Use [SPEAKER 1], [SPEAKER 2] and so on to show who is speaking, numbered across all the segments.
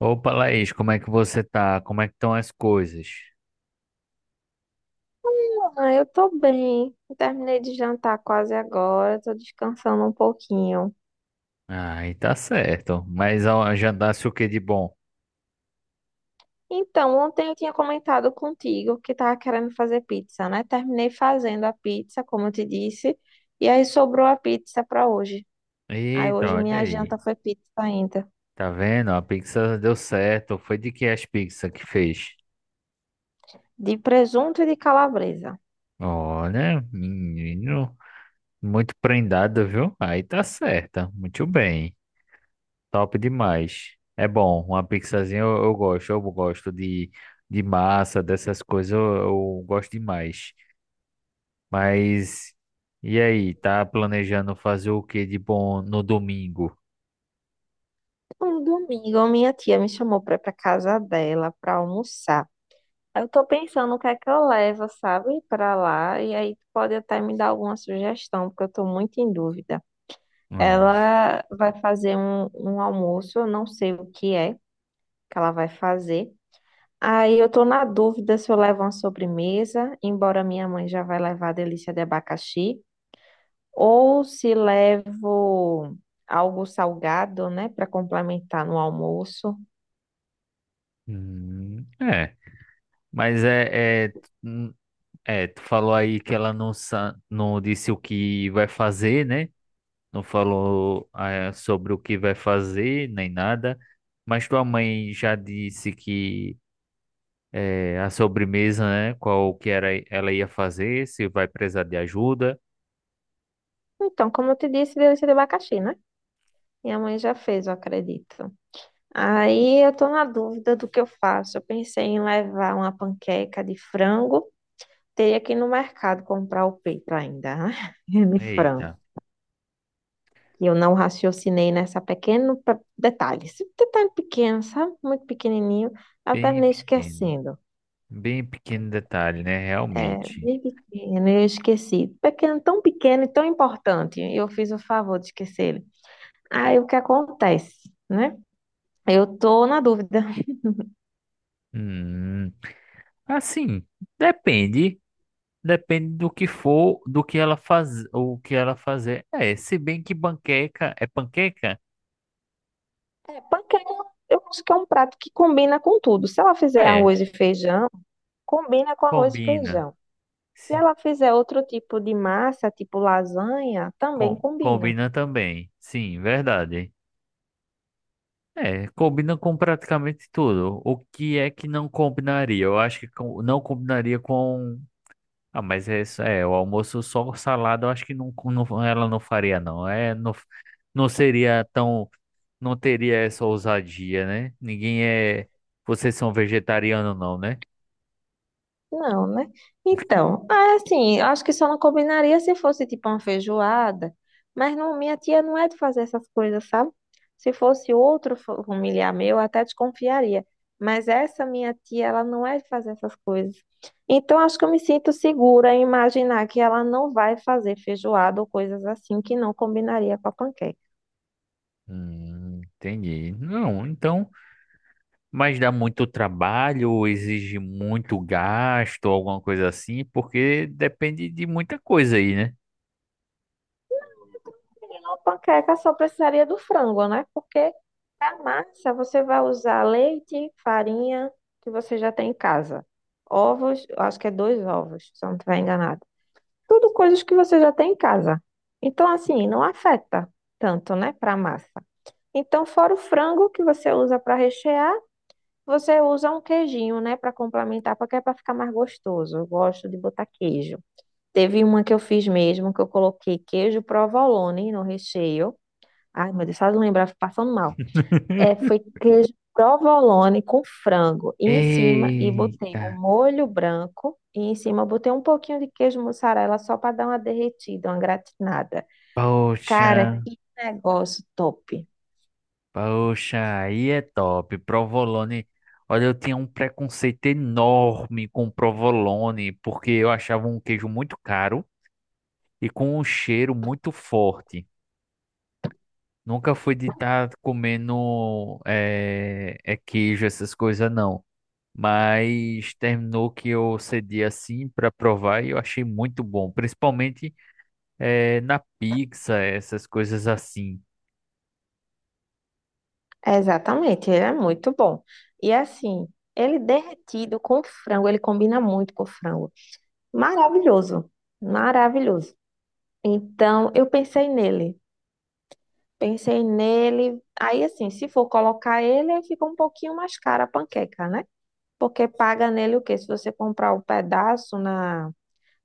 [SPEAKER 1] Opa, Laís, como é que você tá? Como é que estão as coisas?
[SPEAKER 2] Ah, eu tô bem. Eu terminei de jantar quase agora, tô descansando um pouquinho.
[SPEAKER 1] Ai, tá certo. Mas ó, jantasse o que de bom?
[SPEAKER 2] Então, ontem eu tinha comentado contigo que tava querendo fazer pizza, né? Terminei fazendo a pizza, como eu te disse, e aí sobrou a pizza pra hoje. Aí
[SPEAKER 1] Eita,
[SPEAKER 2] hoje
[SPEAKER 1] olha
[SPEAKER 2] minha
[SPEAKER 1] aí.
[SPEAKER 2] janta foi pizza ainda,
[SPEAKER 1] Tá vendo? A pizza deu certo. Foi de que as pizzas que fez?
[SPEAKER 2] de presunto e de calabresa.
[SPEAKER 1] Olha, menino, muito prendado, viu? Aí tá certa. Muito bem. Top demais. É bom, uma pizzazinha eu gosto. Eu gosto de massa, dessas coisas, eu gosto demais. Mas e aí, tá planejando fazer o que de bom no domingo?
[SPEAKER 2] Um domingo, minha tia me chamou pra ir pra casa dela pra almoçar. Eu tô pensando o que é que eu levo, sabe, pra lá, e aí tu pode até me dar alguma sugestão, porque eu tô muito em dúvida.
[SPEAKER 1] Não.
[SPEAKER 2] Ela vai fazer um almoço, eu não sei o que é que ela vai fazer. Aí eu tô na dúvida se eu levo uma sobremesa, embora minha mãe já vai levar a delícia de abacaxi, ou se levo algo salgado, né, para complementar no almoço.
[SPEAKER 1] Hum, é, mas é, é, hum, Tu falou aí que ela não, não disse o que vai fazer, né? Não falou, sobre o que vai fazer, nem nada. Mas tua mãe já disse que a sobremesa, né? Qual que era, ela ia fazer, se vai precisar de ajuda.
[SPEAKER 2] Então, como eu te disse, delícia de abacaxi, né? Minha mãe já fez, eu acredito. Aí eu tô na dúvida do que eu faço. Eu pensei em levar uma panqueca de frango. Teria que ir no mercado comprar o peito ainda, né? de frango.
[SPEAKER 1] Eita,
[SPEAKER 2] E eu não raciocinei detalhe. Esse detalhe pequeno, sabe? Muito pequenininho. Eu
[SPEAKER 1] bem
[SPEAKER 2] terminei
[SPEAKER 1] pequeno.
[SPEAKER 2] esquecendo.
[SPEAKER 1] Bem pequeno detalhe, né?
[SPEAKER 2] É,
[SPEAKER 1] Realmente.
[SPEAKER 2] bem pequeno, eu esqueci. Pequeno, tão pequeno e tão importante. E eu fiz o favor de esquecer ele. Aí o que acontece, né? Eu tô na dúvida.
[SPEAKER 1] Hum, assim, depende. Depende do que for, do que ela faz, o que ela fazer. É, se bem que panqueca,
[SPEAKER 2] É, panqueca, eu acho que é um prato que combina com tudo. Se ela fizer
[SPEAKER 1] é,
[SPEAKER 2] arroz e feijão, combina com arroz e
[SPEAKER 1] combina.
[SPEAKER 2] feijão. Se
[SPEAKER 1] Se,
[SPEAKER 2] ela fizer outro tipo de massa, tipo lasanha, também
[SPEAKER 1] com,
[SPEAKER 2] combina.
[SPEAKER 1] combina também. Sim, verdade. É, combina com praticamente tudo. O que é que não combinaria? Eu acho que não combinaria. Ah, mas é isso, é, o almoço só o salada, eu acho que ela não faria, não. É, não, não seria tão, não teria essa ousadia, né? Ninguém é, vocês são vegetariano, não, né?
[SPEAKER 2] Não, né? Então, ah, assim, eu acho que só não combinaria se fosse tipo uma feijoada, mas não, minha tia não é de fazer essas coisas, sabe? Se fosse outro familiar meu, eu até desconfiaria, mas essa minha tia, ela não é de fazer essas coisas. Então, acho que eu me sinto segura em imaginar que ela não vai fazer feijoada ou coisas assim que não combinaria com a panqueca.
[SPEAKER 1] Entendi. Não, então, mas dá muito trabalho, exige muito gasto, alguma coisa assim, porque depende de muita coisa aí, né?
[SPEAKER 2] Uma panqueca só precisaria do frango, né? Porque a massa você vai usar leite, farinha, que você já tem em casa. Ovos, eu acho que é dois ovos, se eu não estiver enganado. Tudo coisas que você já tem em casa. Então, assim, não afeta tanto, né, para a massa. Então, fora o frango que você usa para rechear, você usa um queijinho, né, para complementar, porque é para ficar mais gostoso. Eu gosto de botar queijo. Teve uma que eu fiz mesmo, que eu coloquei queijo provolone no recheio. Ai, meu Deus, só eu lembrar, eu fico passando mal. É, foi queijo provolone com frango. E em cima, e botei
[SPEAKER 1] Eita,
[SPEAKER 2] um molho branco. E em cima, eu botei um pouquinho de queijo mussarela só para dar uma derretida, uma gratinada. Cara,
[SPEAKER 1] poxa.
[SPEAKER 2] que negócio top.
[SPEAKER 1] Poxa, aí é top. Provolone. Olha, eu tinha um preconceito enorme com provolone, porque eu achava um queijo muito caro e com um cheiro muito forte. Nunca fui de estar comendo queijo, essas coisas, não. Mas terminou que eu cedi assim para provar e eu achei muito bom, principalmente na pizza, essas coisas assim.
[SPEAKER 2] É, exatamente, ele é muito bom. E assim, ele derretido com frango, ele combina muito com frango. Maravilhoso, maravilhoso. Então, eu pensei nele. Pensei nele. Aí, assim, se for colocar ele, aí fica um pouquinho mais cara a panqueca, né? Porque paga nele o quê? Se você comprar um pedaço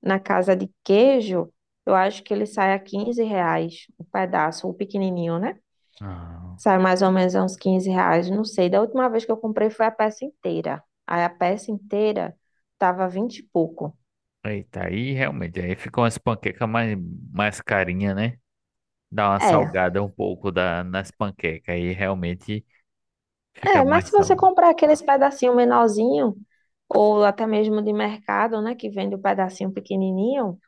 [SPEAKER 2] na casa de queijo, eu acho que ele sai a 15 reais o pedaço, o pequenininho, né?
[SPEAKER 1] Ah.
[SPEAKER 2] Sai mais ou menos a uns 15 reais, não sei. Da última vez que eu comprei foi a peça inteira. Aí a peça inteira tava 20 e pouco.
[SPEAKER 1] Eita, aí realmente, aí ficam as panquecas mais, mais carinha, né? Dá uma
[SPEAKER 2] É,
[SPEAKER 1] salgada um pouco da, nas panquecas, aí realmente fica
[SPEAKER 2] É, mas
[SPEAKER 1] mais
[SPEAKER 2] se você
[SPEAKER 1] salgado.
[SPEAKER 2] comprar aqueles pedacinho menorzinho, ou até mesmo de mercado, né, que vende o pedacinho pequenininho,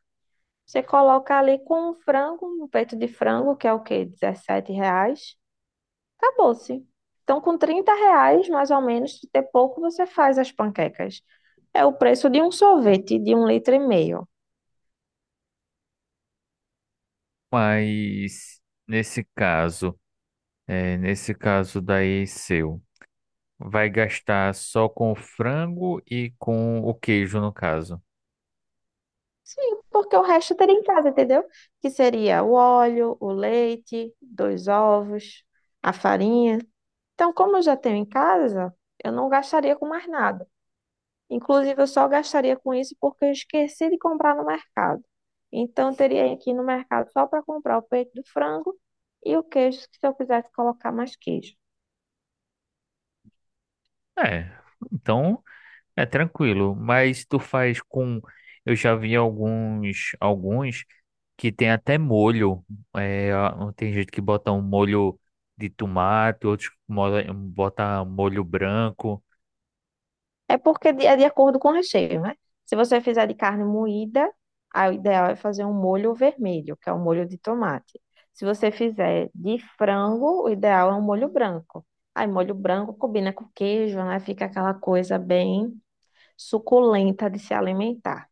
[SPEAKER 2] você coloca ali com um frango, um peito de frango, que é o quê? R$ reais, acabou-se. Então, com 30 reais, mais ou menos, de ter pouco, você faz as panquecas. É o preço de um sorvete de um litro e meio.
[SPEAKER 1] Mas nesse caso, é, nesse caso daí seu, vai gastar só com o frango e com o queijo, no caso.
[SPEAKER 2] Sim, porque o resto teria em casa, entendeu? Que seria o óleo, o leite, dois ovos, a farinha. Então, como eu já tenho em casa, eu não gastaria com mais nada. Inclusive, eu só gastaria com isso porque eu esqueci de comprar no mercado. Então, eu teria que ir no mercado só para comprar o peito do frango e o queijo, se eu quisesse colocar mais queijo.
[SPEAKER 1] É, então é tranquilo, mas tu faz com. Eu já vi alguns que tem até molho. É, tem gente que bota um molho de tomate, outros bota molho branco.
[SPEAKER 2] É porque é de acordo com o recheio, né? Se você fizer de carne moída, aí o ideal é fazer um molho vermelho, que é o molho de tomate. Se você fizer de frango, o ideal é um molho branco. Aí, molho branco combina com queijo, né? Fica aquela coisa bem suculenta de se alimentar.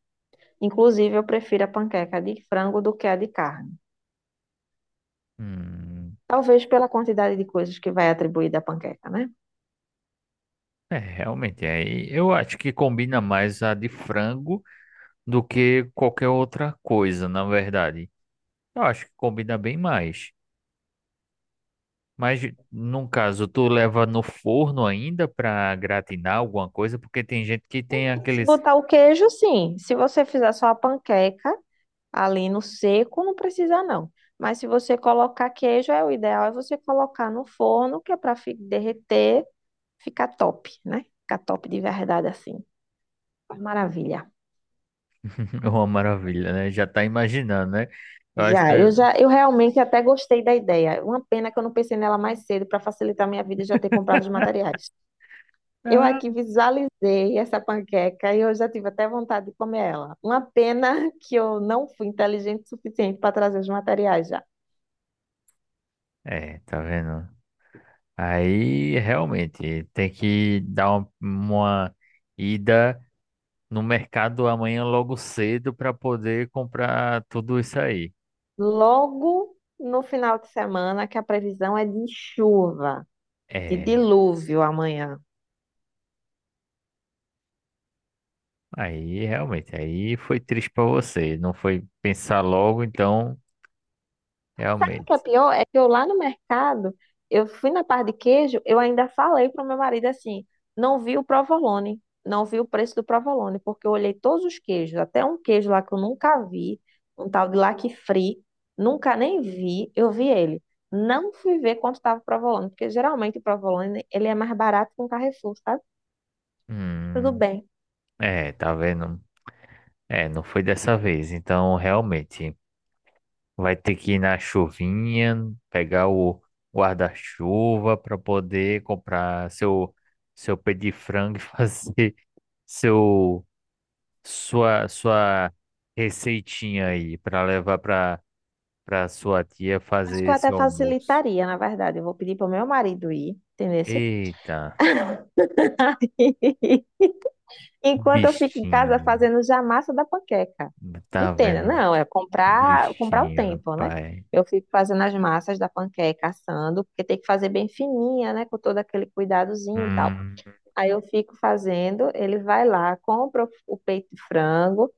[SPEAKER 2] Inclusive, eu prefiro a panqueca de frango do que a de carne.
[SPEAKER 1] Hum,
[SPEAKER 2] Talvez pela quantidade de coisas que vai atribuir da panqueca, né?
[SPEAKER 1] realmente, aí eu acho que combina mais a de frango do que qualquer outra coisa, na verdade. Eu acho que combina bem mais. Mas, no caso, tu leva no forno ainda pra gratinar alguma coisa, porque tem gente que tem aquele
[SPEAKER 2] Se botar o queijo, sim. Se você fizer só a panqueca ali no seco, não precisa não. Mas se você colocar queijo, é o ideal é você colocar no forno, que é para derreter, ficar top, né? Ficar top de verdade assim. Maravilha.
[SPEAKER 1] é uma maravilha, né? Já tá imaginando, né? Eu acho que
[SPEAKER 2] Já,
[SPEAKER 1] ah,
[SPEAKER 2] eu realmente até gostei da ideia. Uma pena que eu não pensei nela mais cedo para facilitar minha vida e já ter comprado os materiais. Eu aqui visualizei essa panqueca e eu já tive até vontade de comer ela. Uma pena que eu não fui inteligente o suficiente para trazer os materiais já.
[SPEAKER 1] é, tá vendo? Aí realmente tem que dar uma ida no mercado amanhã logo cedo para poder comprar tudo isso aí.
[SPEAKER 2] Logo no final de semana, que a previsão é de chuva, de
[SPEAKER 1] É,
[SPEAKER 2] dilúvio amanhã.
[SPEAKER 1] aí realmente, aí foi triste para você, não foi pensar logo, então
[SPEAKER 2] Sabe o que é
[SPEAKER 1] realmente.
[SPEAKER 2] pior? É que eu lá no mercado, eu fui na parte de queijo, eu ainda falei pro meu marido assim, não vi o provolone, não vi o preço do provolone, porque eu olhei todos os queijos, até um queijo lá que eu nunca vi, um tal de lac free, nunca nem vi, eu vi ele. Não fui ver quanto estava o provolone, porque geralmente o provolone, ele é mais barato que um Carrefour, sabe? Tudo
[SPEAKER 1] Hum,
[SPEAKER 2] bem.
[SPEAKER 1] tá vendo? É, não foi dessa vez, então realmente. Vai ter que ir na chuvinha, pegar o guarda-chuva para poder comprar seu pé de frango e fazer seu sua receitinha aí para levar para sua tia
[SPEAKER 2] Acho que
[SPEAKER 1] fazer
[SPEAKER 2] eu
[SPEAKER 1] esse
[SPEAKER 2] até
[SPEAKER 1] almoço.
[SPEAKER 2] facilitaria, na verdade. Eu vou pedir pro meu marido ir, entendeu?
[SPEAKER 1] Eita, um
[SPEAKER 2] Enquanto eu fico em casa
[SPEAKER 1] bichinho.
[SPEAKER 2] fazendo já a massa da panqueca.
[SPEAKER 1] Tá
[SPEAKER 2] Entenda,
[SPEAKER 1] vendo?
[SPEAKER 2] não, é comprar o
[SPEAKER 1] Bichinho,
[SPEAKER 2] tempo, né?
[SPEAKER 1] rapaz.
[SPEAKER 2] Eu fico fazendo as massas da panqueca, assando, porque tem que fazer bem fininha, né? Com todo aquele cuidadozinho e tal.
[SPEAKER 1] Hum,
[SPEAKER 2] Aí eu fico fazendo, ele vai lá, compra o peito de frango,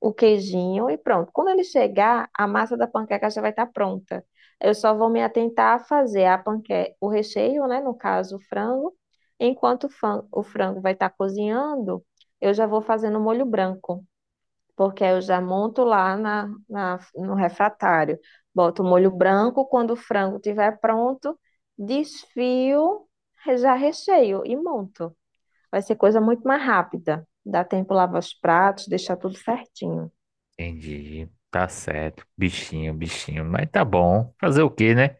[SPEAKER 2] o queijinho e pronto. Quando ele chegar, a massa da panqueca já vai estar pronta. Eu só vou me atentar a fazer a panqueca, o recheio, né? No caso, o frango. Enquanto o o frango vai estar cozinhando, eu já vou fazendo o molho branco, porque aí eu já monto lá no refratário. Boto o molho branco, quando o frango estiver pronto, desfio, já recheio e monto. Vai ser coisa muito mais rápida. Dá tempo lavar os pratos, deixar tudo certinho.
[SPEAKER 1] entendi. Tá certo. Bichinho, bichinho. Mas tá bom. Fazer o quê, né?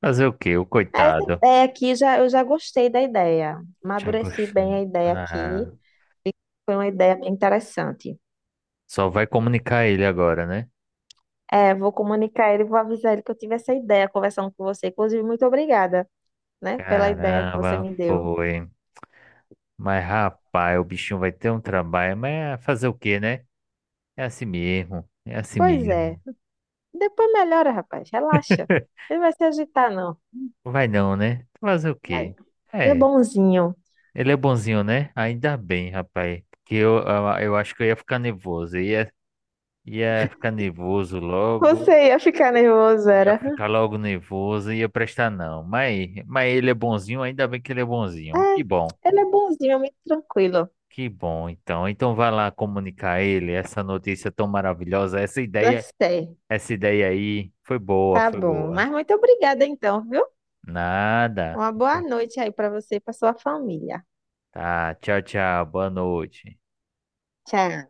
[SPEAKER 1] Fazer o quê? O coitado.
[SPEAKER 2] É, aqui já, eu já gostei da ideia.
[SPEAKER 1] Já
[SPEAKER 2] Amadureci bem
[SPEAKER 1] gostando.
[SPEAKER 2] a ideia aqui.
[SPEAKER 1] Ah,
[SPEAKER 2] Foi uma ideia bem interessante.
[SPEAKER 1] só vai comunicar ele agora, né?
[SPEAKER 2] É, vou comunicar ele, vou avisar ele que eu tive essa ideia conversando com você. Inclusive, muito obrigada, né, pela ideia que você
[SPEAKER 1] Caramba,
[SPEAKER 2] me deu.
[SPEAKER 1] foi. Mas rapaz, o bichinho vai ter um trabalho, mas é fazer o quê, né? É assim mesmo, é assim
[SPEAKER 2] Pois é.
[SPEAKER 1] mesmo.
[SPEAKER 2] Depois melhora, rapaz. Relaxa. Ele vai se agitar, não.
[SPEAKER 1] Vai não, né? Fazer o
[SPEAKER 2] Vai.
[SPEAKER 1] quê?
[SPEAKER 2] Ele é
[SPEAKER 1] É,
[SPEAKER 2] bonzinho.
[SPEAKER 1] ele é bonzinho, né? Ainda bem, rapaz. Porque eu acho que eu ia ficar nervoso. Ia ficar nervoso logo.
[SPEAKER 2] Você ia ficar nervoso,
[SPEAKER 1] Ia
[SPEAKER 2] era.
[SPEAKER 1] ficar logo nervoso, ia prestar não. Mas ele é bonzinho, ainda bem que ele é
[SPEAKER 2] É,
[SPEAKER 1] bonzinho. Que bom.
[SPEAKER 2] ele é bonzinho, é muito tranquilo.
[SPEAKER 1] Que bom, então. Então vai lá comunicar a ele essa notícia tão maravilhosa,
[SPEAKER 2] Já sei.
[SPEAKER 1] essa ideia aí foi boa,
[SPEAKER 2] Tá
[SPEAKER 1] foi
[SPEAKER 2] bom.
[SPEAKER 1] boa.
[SPEAKER 2] Mas muito obrigada, então, viu?
[SPEAKER 1] Nada.
[SPEAKER 2] Uma boa noite aí para você e para sua família.
[SPEAKER 1] Tá, tchau, tchau. Boa noite.
[SPEAKER 2] Tchau.